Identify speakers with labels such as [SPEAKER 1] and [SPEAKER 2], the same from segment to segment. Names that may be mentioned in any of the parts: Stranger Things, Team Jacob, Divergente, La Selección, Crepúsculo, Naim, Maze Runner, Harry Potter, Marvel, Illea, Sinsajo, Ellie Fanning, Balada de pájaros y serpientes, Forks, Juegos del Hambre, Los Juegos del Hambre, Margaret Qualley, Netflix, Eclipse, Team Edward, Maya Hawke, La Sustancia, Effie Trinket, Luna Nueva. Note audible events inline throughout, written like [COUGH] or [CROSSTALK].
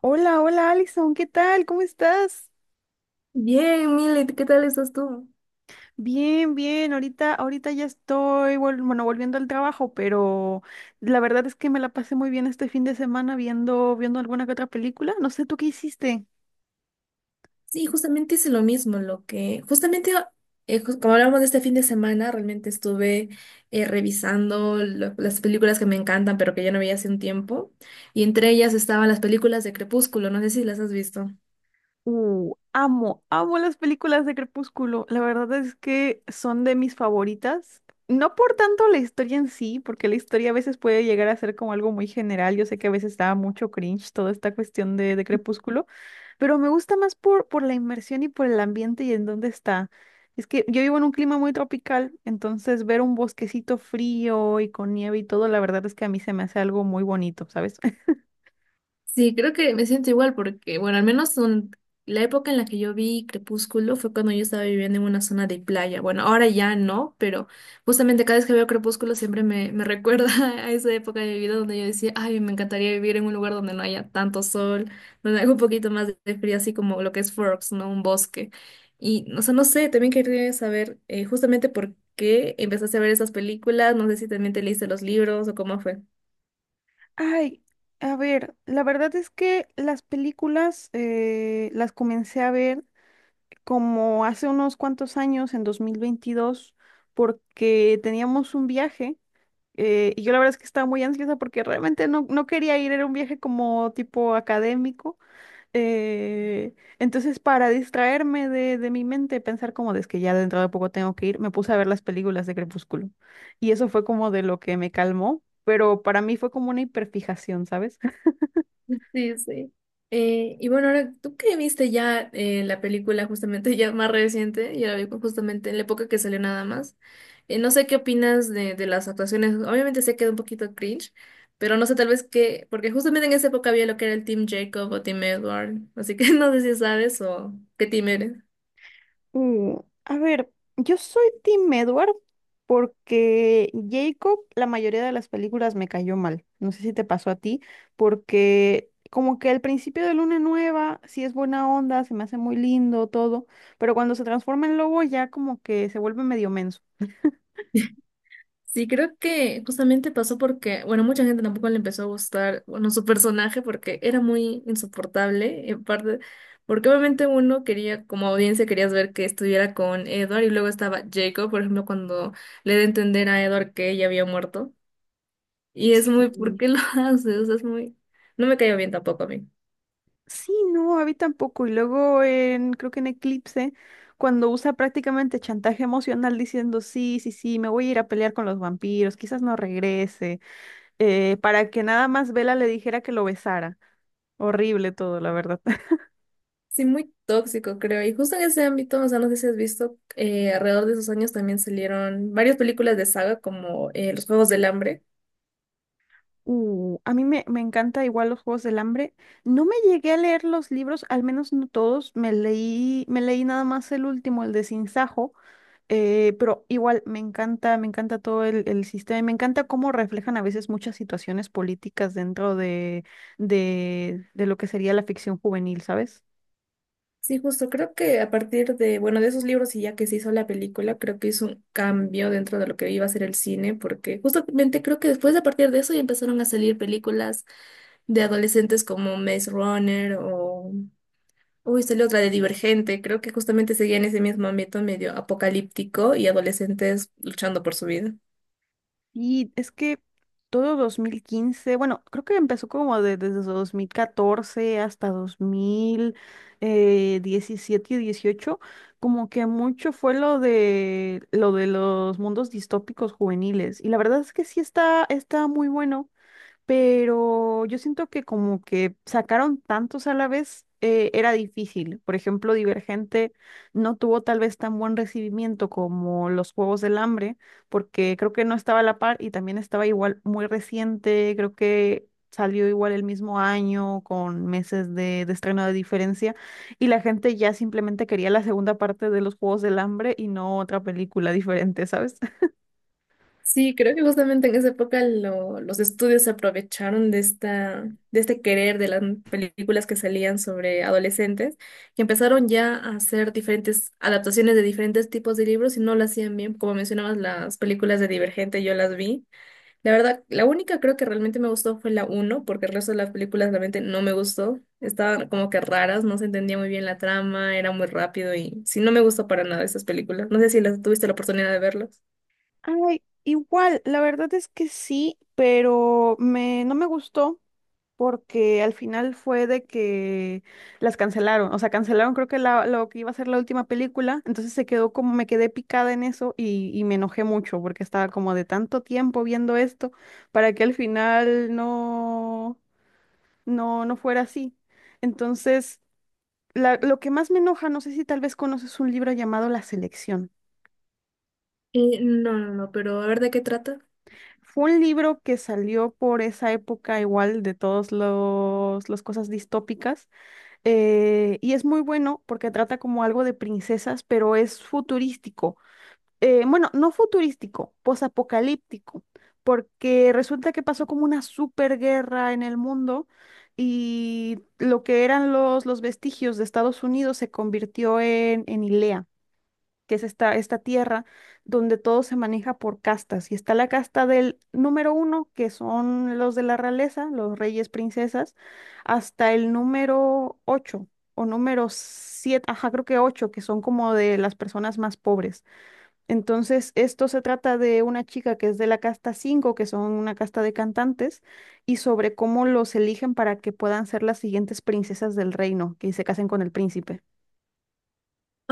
[SPEAKER 1] Hola, hola Alison, ¿qué tal? ¿Cómo estás?
[SPEAKER 2] Bien, Milet, ¿qué tal estás tú?
[SPEAKER 1] Bien, bien, ahorita, ahorita ya estoy, bueno, volviendo al trabajo, pero la verdad es que me la pasé muy bien este fin de semana viendo, viendo alguna que otra película. No sé, ¿tú qué hiciste?
[SPEAKER 2] Sí, justamente hice lo mismo, lo que, justamente, como hablamos de este fin de semana, realmente estuve revisando las películas que me encantan, pero que ya no veía hace un tiempo, y entre ellas estaban las películas de Crepúsculo, no sé si las has visto.
[SPEAKER 1] Amo, amo las películas de Crepúsculo. La verdad es que son de mis favoritas. No por tanto la historia en sí, porque la historia a veces puede llegar a ser como algo muy general. Yo sé que a veces da mucho cringe toda esta cuestión de Crepúsculo. Pero me gusta más por la inmersión y por el ambiente y en dónde está. Es que yo vivo en un clima muy tropical, entonces ver un bosquecito frío y con nieve y todo, la verdad es que a mí se me hace algo muy bonito, ¿sabes? [LAUGHS]
[SPEAKER 2] Sí, creo que me siento igual porque, bueno, la época en la que yo vi Crepúsculo fue cuando yo estaba viviendo en una zona de playa. Bueno, ahora ya no, pero justamente cada vez que veo Crepúsculo siempre me recuerda [LAUGHS] a esa época de mi vida donde yo decía, ay, me encantaría vivir en un lugar donde no haya tanto sol, donde haga un poquito más de frío, así como lo que es Forks, ¿no? Un bosque. Y, o sea, no sé, también quería saber justamente por qué empezaste a ver esas películas, no sé si también te leíste los libros o cómo fue.
[SPEAKER 1] Ay, a ver, la verdad es que las películas las comencé a ver como hace unos cuantos años, en 2022 porque teníamos un viaje. Y yo la verdad es que estaba muy ansiosa porque realmente no, no quería ir, era un viaje como tipo académico. Eh, entonces, para distraerme de mi mente, pensar como de "Es que ya dentro de poco tengo que ir", me puse a ver las películas de Crepúsculo. Y eso fue como de lo que me calmó, pero para mí fue como una hiperfijación, ¿sabes?
[SPEAKER 2] Sí, sí. Y bueno, ahora, ¿tú qué viste ya la película justamente [LAUGHS] ya más reciente? Ya la vi justamente en la época que salió nada más. No sé qué opinas de las actuaciones. Obviamente se queda un poquito cringe, pero no sé tal vez qué, porque justamente en esa época había lo que era el Team Jacob o Team Edward. Así que [LAUGHS] no sé si sabes o qué team eres.
[SPEAKER 1] Uh, a ver, yo soy Tim Edward porque Jacob, la mayoría de las películas me cayó mal. No sé si te pasó a ti, porque como que al principio de Luna Nueva sí es buena onda, se me hace muy lindo todo, pero cuando se transforma en lobo ya como que se vuelve medio menso.
[SPEAKER 2] Sí, creo que justamente pasó porque, bueno, mucha gente tampoco le empezó a gustar, bueno, su personaje porque era muy insoportable, en parte, porque obviamente uno quería, como audiencia, querías ver que estuviera con Edward y luego estaba Jacob, por ejemplo, cuando le da a entender a Edward que ella había muerto. Y es muy, ¿por
[SPEAKER 1] Sí.
[SPEAKER 2] qué lo [LAUGHS] haces? O sea, es muy, no me cayó bien tampoco a mí.
[SPEAKER 1] Sí, no, a mí tampoco. Y luego en, creo que en Eclipse, cuando usa prácticamente chantaje emocional diciendo, sí, sí, sí, me voy a ir a pelear con los vampiros, quizás no regrese. Para que nada más Bella le dijera que lo besara. Horrible todo, la verdad. [LAUGHS]
[SPEAKER 2] Sí, muy tóxico, creo. Y justo en ese ámbito, o sea, no sé si has visto, alrededor de esos años también salieron varias películas de saga como Los Juegos del Hambre.
[SPEAKER 1] A mí me encanta igual los Juegos del Hambre. No me llegué a leer los libros, al menos no todos. Me leí nada más el último, el de Sinsajo, pero igual me encanta todo el sistema y me encanta cómo reflejan a veces muchas situaciones políticas dentro de lo que sería la ficción juvenil, ¿sabes?
[SPEAKER 2] Sí, justo, creo que a partir de, bueno, de esos libros y ya que se hizo la película, creo que hizo un cambio dentro de lo que iba a ser el cine, porque justamente creo que después a partir de eso ya empezaron a salir películas de adolescentes como Maze Runner o, uy, salió otra de Divergente, creo que justamente seguía en ese mismo ámbito medio apocalíptico y adolescentes luchando por su vida.
[SPEAKER 1] Y es que todo 2015, bueno, creo que empezó como desde 2014 hasta dos mil diecisiete y dieciocho, como que mucho fue lo de los mundos distópicos juveniles. Y la verdad es que sí está muy bueno, pero yo siento que como que sacaron tantos a la vez, era difícil. Por ejemplo, Divergente no tuvo tal vez tan buen recibimiento como Los Juegos del Hambre, porque creo que no estaba a la par y también estaba igual muy reciente, creo que salió igual el mismo año con meses de estreno de diferencia, y la gente ya simplemente quería la segunda parte de Los Juegos del Hambre y no otra película [LAUGHS] diferente, ¿sabes?
[SPEAKER 2] Sí, creo que justamente en esa época los estudios se aprovecharon de esta, de este querer de las películas que salían sobre adolescentes, que empezaron ya a hacer diferentes adaptaciones de diferentes tipos de libros y no lo hacían bien. Como mencionabas, las películas de Divergente yo las vi. La verdad, la única creo que realmente me gustó fue la uno porque el resto de las películas realmente no me gustó. Estaban como que raras, no se entendía muy bien la trama, era muy rápido y sí, no me gustó para nada esas películas. No sé si las tuviste la oportunidad de verlas.
[SPEAKER 1] Ay, igual, la verdad es que sí, pero no me gustó porque al final fue de que las cancelaron, o sea, cancelaron creo que lo que iba a ser la última película, entonces se quedó como me quedé picada en eso y me enojé mucho porque estaba como de tanto tiempo viendo esto para que al final no, no, no fuera así. Entonces, lo que más me enoja, no sé si tal vez conoces un libro llamado La Selección.
[SPEAKER 2] Eh, no, pero a ver de qué trata.
[SPEAKER 1] Fue un libro que salió por esa época igual de todos las cosas distópicas, y es muy bueno porque trata como algo de princesas, pero es futurístico. Bueno, no futurístico, posapocalíptico, porque resulta que pasó como una superguerra en el mundo y lo que eran los vestigios de Estados Unidos se convirtió en hilea, que es esta tierra donde todo se maneja por castas. Y está la casta del número uno, que son los de la realeza, los reyes, princesas, hasta el número ocho o número siete, ajá, creo que ocho, que son como de las personas más pobres. Entonces, esto se trata de una chica que es de la casta cinco, que son una casta de cantantes, y sobre cómo los eligen para que puedan ser las siguientes princesas del reino, que se casen con el príncipe.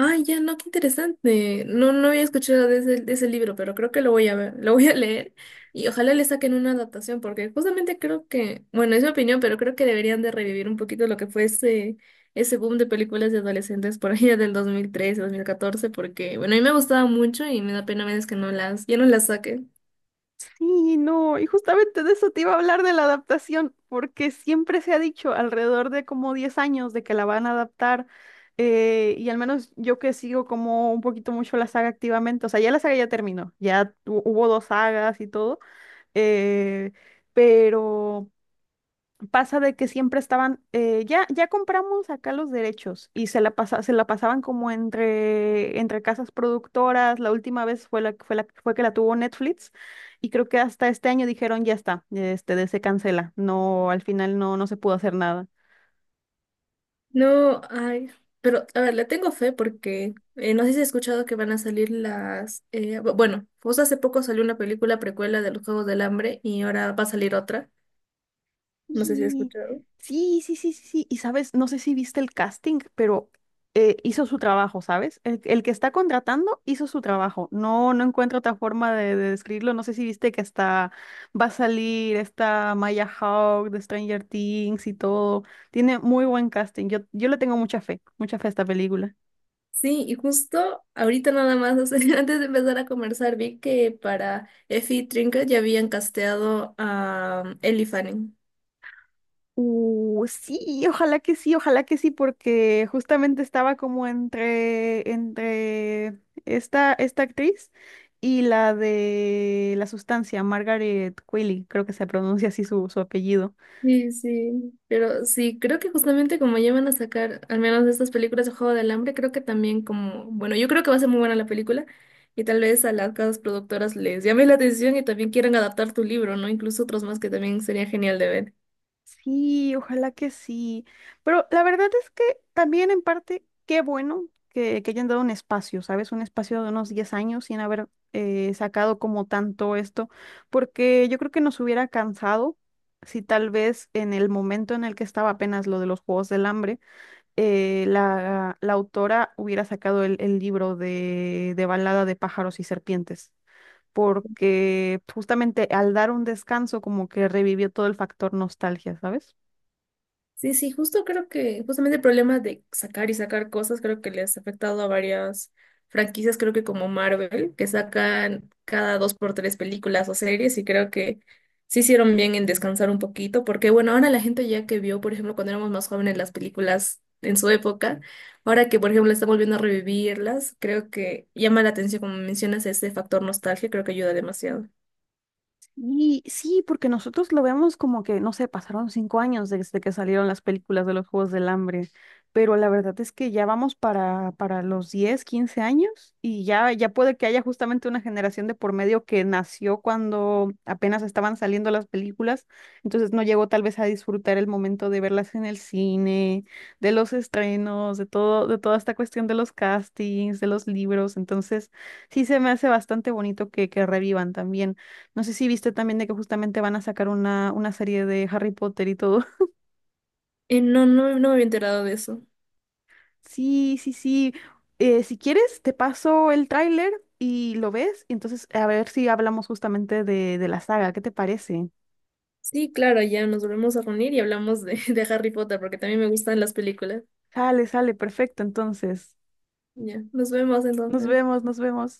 [SPEAKER 2] Ay, ya, no, qué interesante. No, no había escuchado de ese libro, pero creo que lo voy a ver, lo voy a leer y ojalá le saquen una adaptación, porque justamente creo que, bueno, es mi opinión, pero creo que deberían de revivir un poquito lo que fue ese, ese boom de películas de adolescentes por allá del 2013, 2014, porque, bueno, a mí me gustaba mucho y me da pena a veces que no las, ya no las saquen.
[SPEAKER 1] Sí, no, y justamente de eso te iba a hablar de la adaptación, porque siempre se ha dicho alrededor de como 10 años de que la van a adaptar, y al menos yo que sigo como un poquito mucho la saga activamente, o sea, ya la saga ya terminó, ya hubo dos sagas y todo, eh, pero pasa de que siempre estaban, ya compramos acá los derechos y se la pasa, se la pasaban como entre casas productoras. La última vez fue fue que la tuvo Netflix, y creo que hasta este año dijeron ya está, se cancela. No, al final no, no se pudo hacer nada.
[SPEAKER 2] No, ay, pero a ver, le tengo fe porque no sé si has escuchado que van a salir las... bueno, pues hace poco salió una película precuela de los Juegos del Hambre y ahora va a salir otra. No sé si has
[SPEAKER 1] Y
[SPEAKER 2] escuchado.
[SPEAKER 1] sí, sí, sí, sí, sí. Y sabes, no sé si viste el casting, pero hizo su trabajo, ¿sabes? El que está contratando hizo su trabajo. No, no encuentro otra forma de describirlo. No sé si viste que hasta va a salir esta Maya Hawke de Stranger Things y todo. Tiene muy buen casting. Yo le tengo mucha fe a esta película.
[SPEAKER 2] Sí, y justo ahorita nada más, o sea, [LAUGHS] antes de empezar a conversar, vi que para Effie Trinket ya habían casteado a Ellie Fanning.
[SPEAKER 1] Sí, ojalá que sí, ojalá que sí, porque justamente estaba como entre esta actriz y la de La Sustancia, Margaret Qualley, creo que se pronuncia así su apellido.
[SPEAKER 2] Sí, sí, pero sí, creo que justamente como ya van a sacar al menos de estas películas de Juego del Hambre, creo que también como, bueno, yo creo que va a ser muy buena la película y tal vez a las casas productoras les llame la atención y también quieran adaptar tu libro, ¿no? Incluso otros más que también sería genial de ver.
[SPEAKER 1] Sí, ojalá que sí. Pero la verdad es que también en parte, qué bueno que, hayan dado un espacio, ¿sabes? Un espacio de unos 10 años sin haber sacado como tanto esto, porque yo creo que nos hubiera cansado si tal vez en el momento en el que estaba apenas lo de los Juegos del Hambre, la autora hubiera sacado el libro de Balada de pájaros y serpientes, porque justamente al dar un descanso como que revivió todo el factor nostalgia, ¿sabes?
[SPEAKER 2] Sí, sí, justo creo que justamente el problema de sacar y sacar cosas creo que les ha afectado a varias franquicias, creo que como Marvel, que sacan cada dos por tres películas o series y creo que sí hicieron bien en descansar un poquito, porque bueno, ahora la gente ya que vio, por ejemplo, cuando éramos más jóvenes las películas en su época, ahora que por ejemplo están volviendo a revivirlas, creo que llama la atención, como mencionas, ese factor nostalgia, creo que ayuda demasiado.
[SPEAKER 1] Y sí, porque nosotros lo vemos como que, no sé, pasaron 5 años desde que salieron las películas de los Juegos del Hambre, pero la verdad es que ya vamos para los 10 15 años, y ya, puede que haya justamente una generación de por medio que nació cuando apenas estaban saliendo las películas, entonces no llegó tal vez a disfrutar el momento de verlas en el cine, de los estrenos, de todo, de toda esta cuestión de los castings, de los libros, entonces sí se me hace bastante bonito que, revivan también. No sé si viste también de que justamente van a sacar una serie de Harry Potter y todo. [LAUGHS]
[SPEAKER 2] Eh, no, me había enterado de eso.
[SPEAKER 1] Sí, sí, sí. Si quieres, te paso el tráiler y lo ves. Y entonces, a ver si hablamos justamente de la saga. ¿Qué te parece?
[SPEAKER 2] Sí, claro, ya nos volvemos a reunir y hablamos de, [LAUGHS] de Harry Potter porque también me gustan las películas.
[SPEAKER 1] Sale, sale, perfecto. Entonces,
[SPEAKER 2] Ya, nos vemos
[SPEAKER 1] nos
[SPEAKER 2] entonces.
[SPEAKER 1] vemos, nos vemos.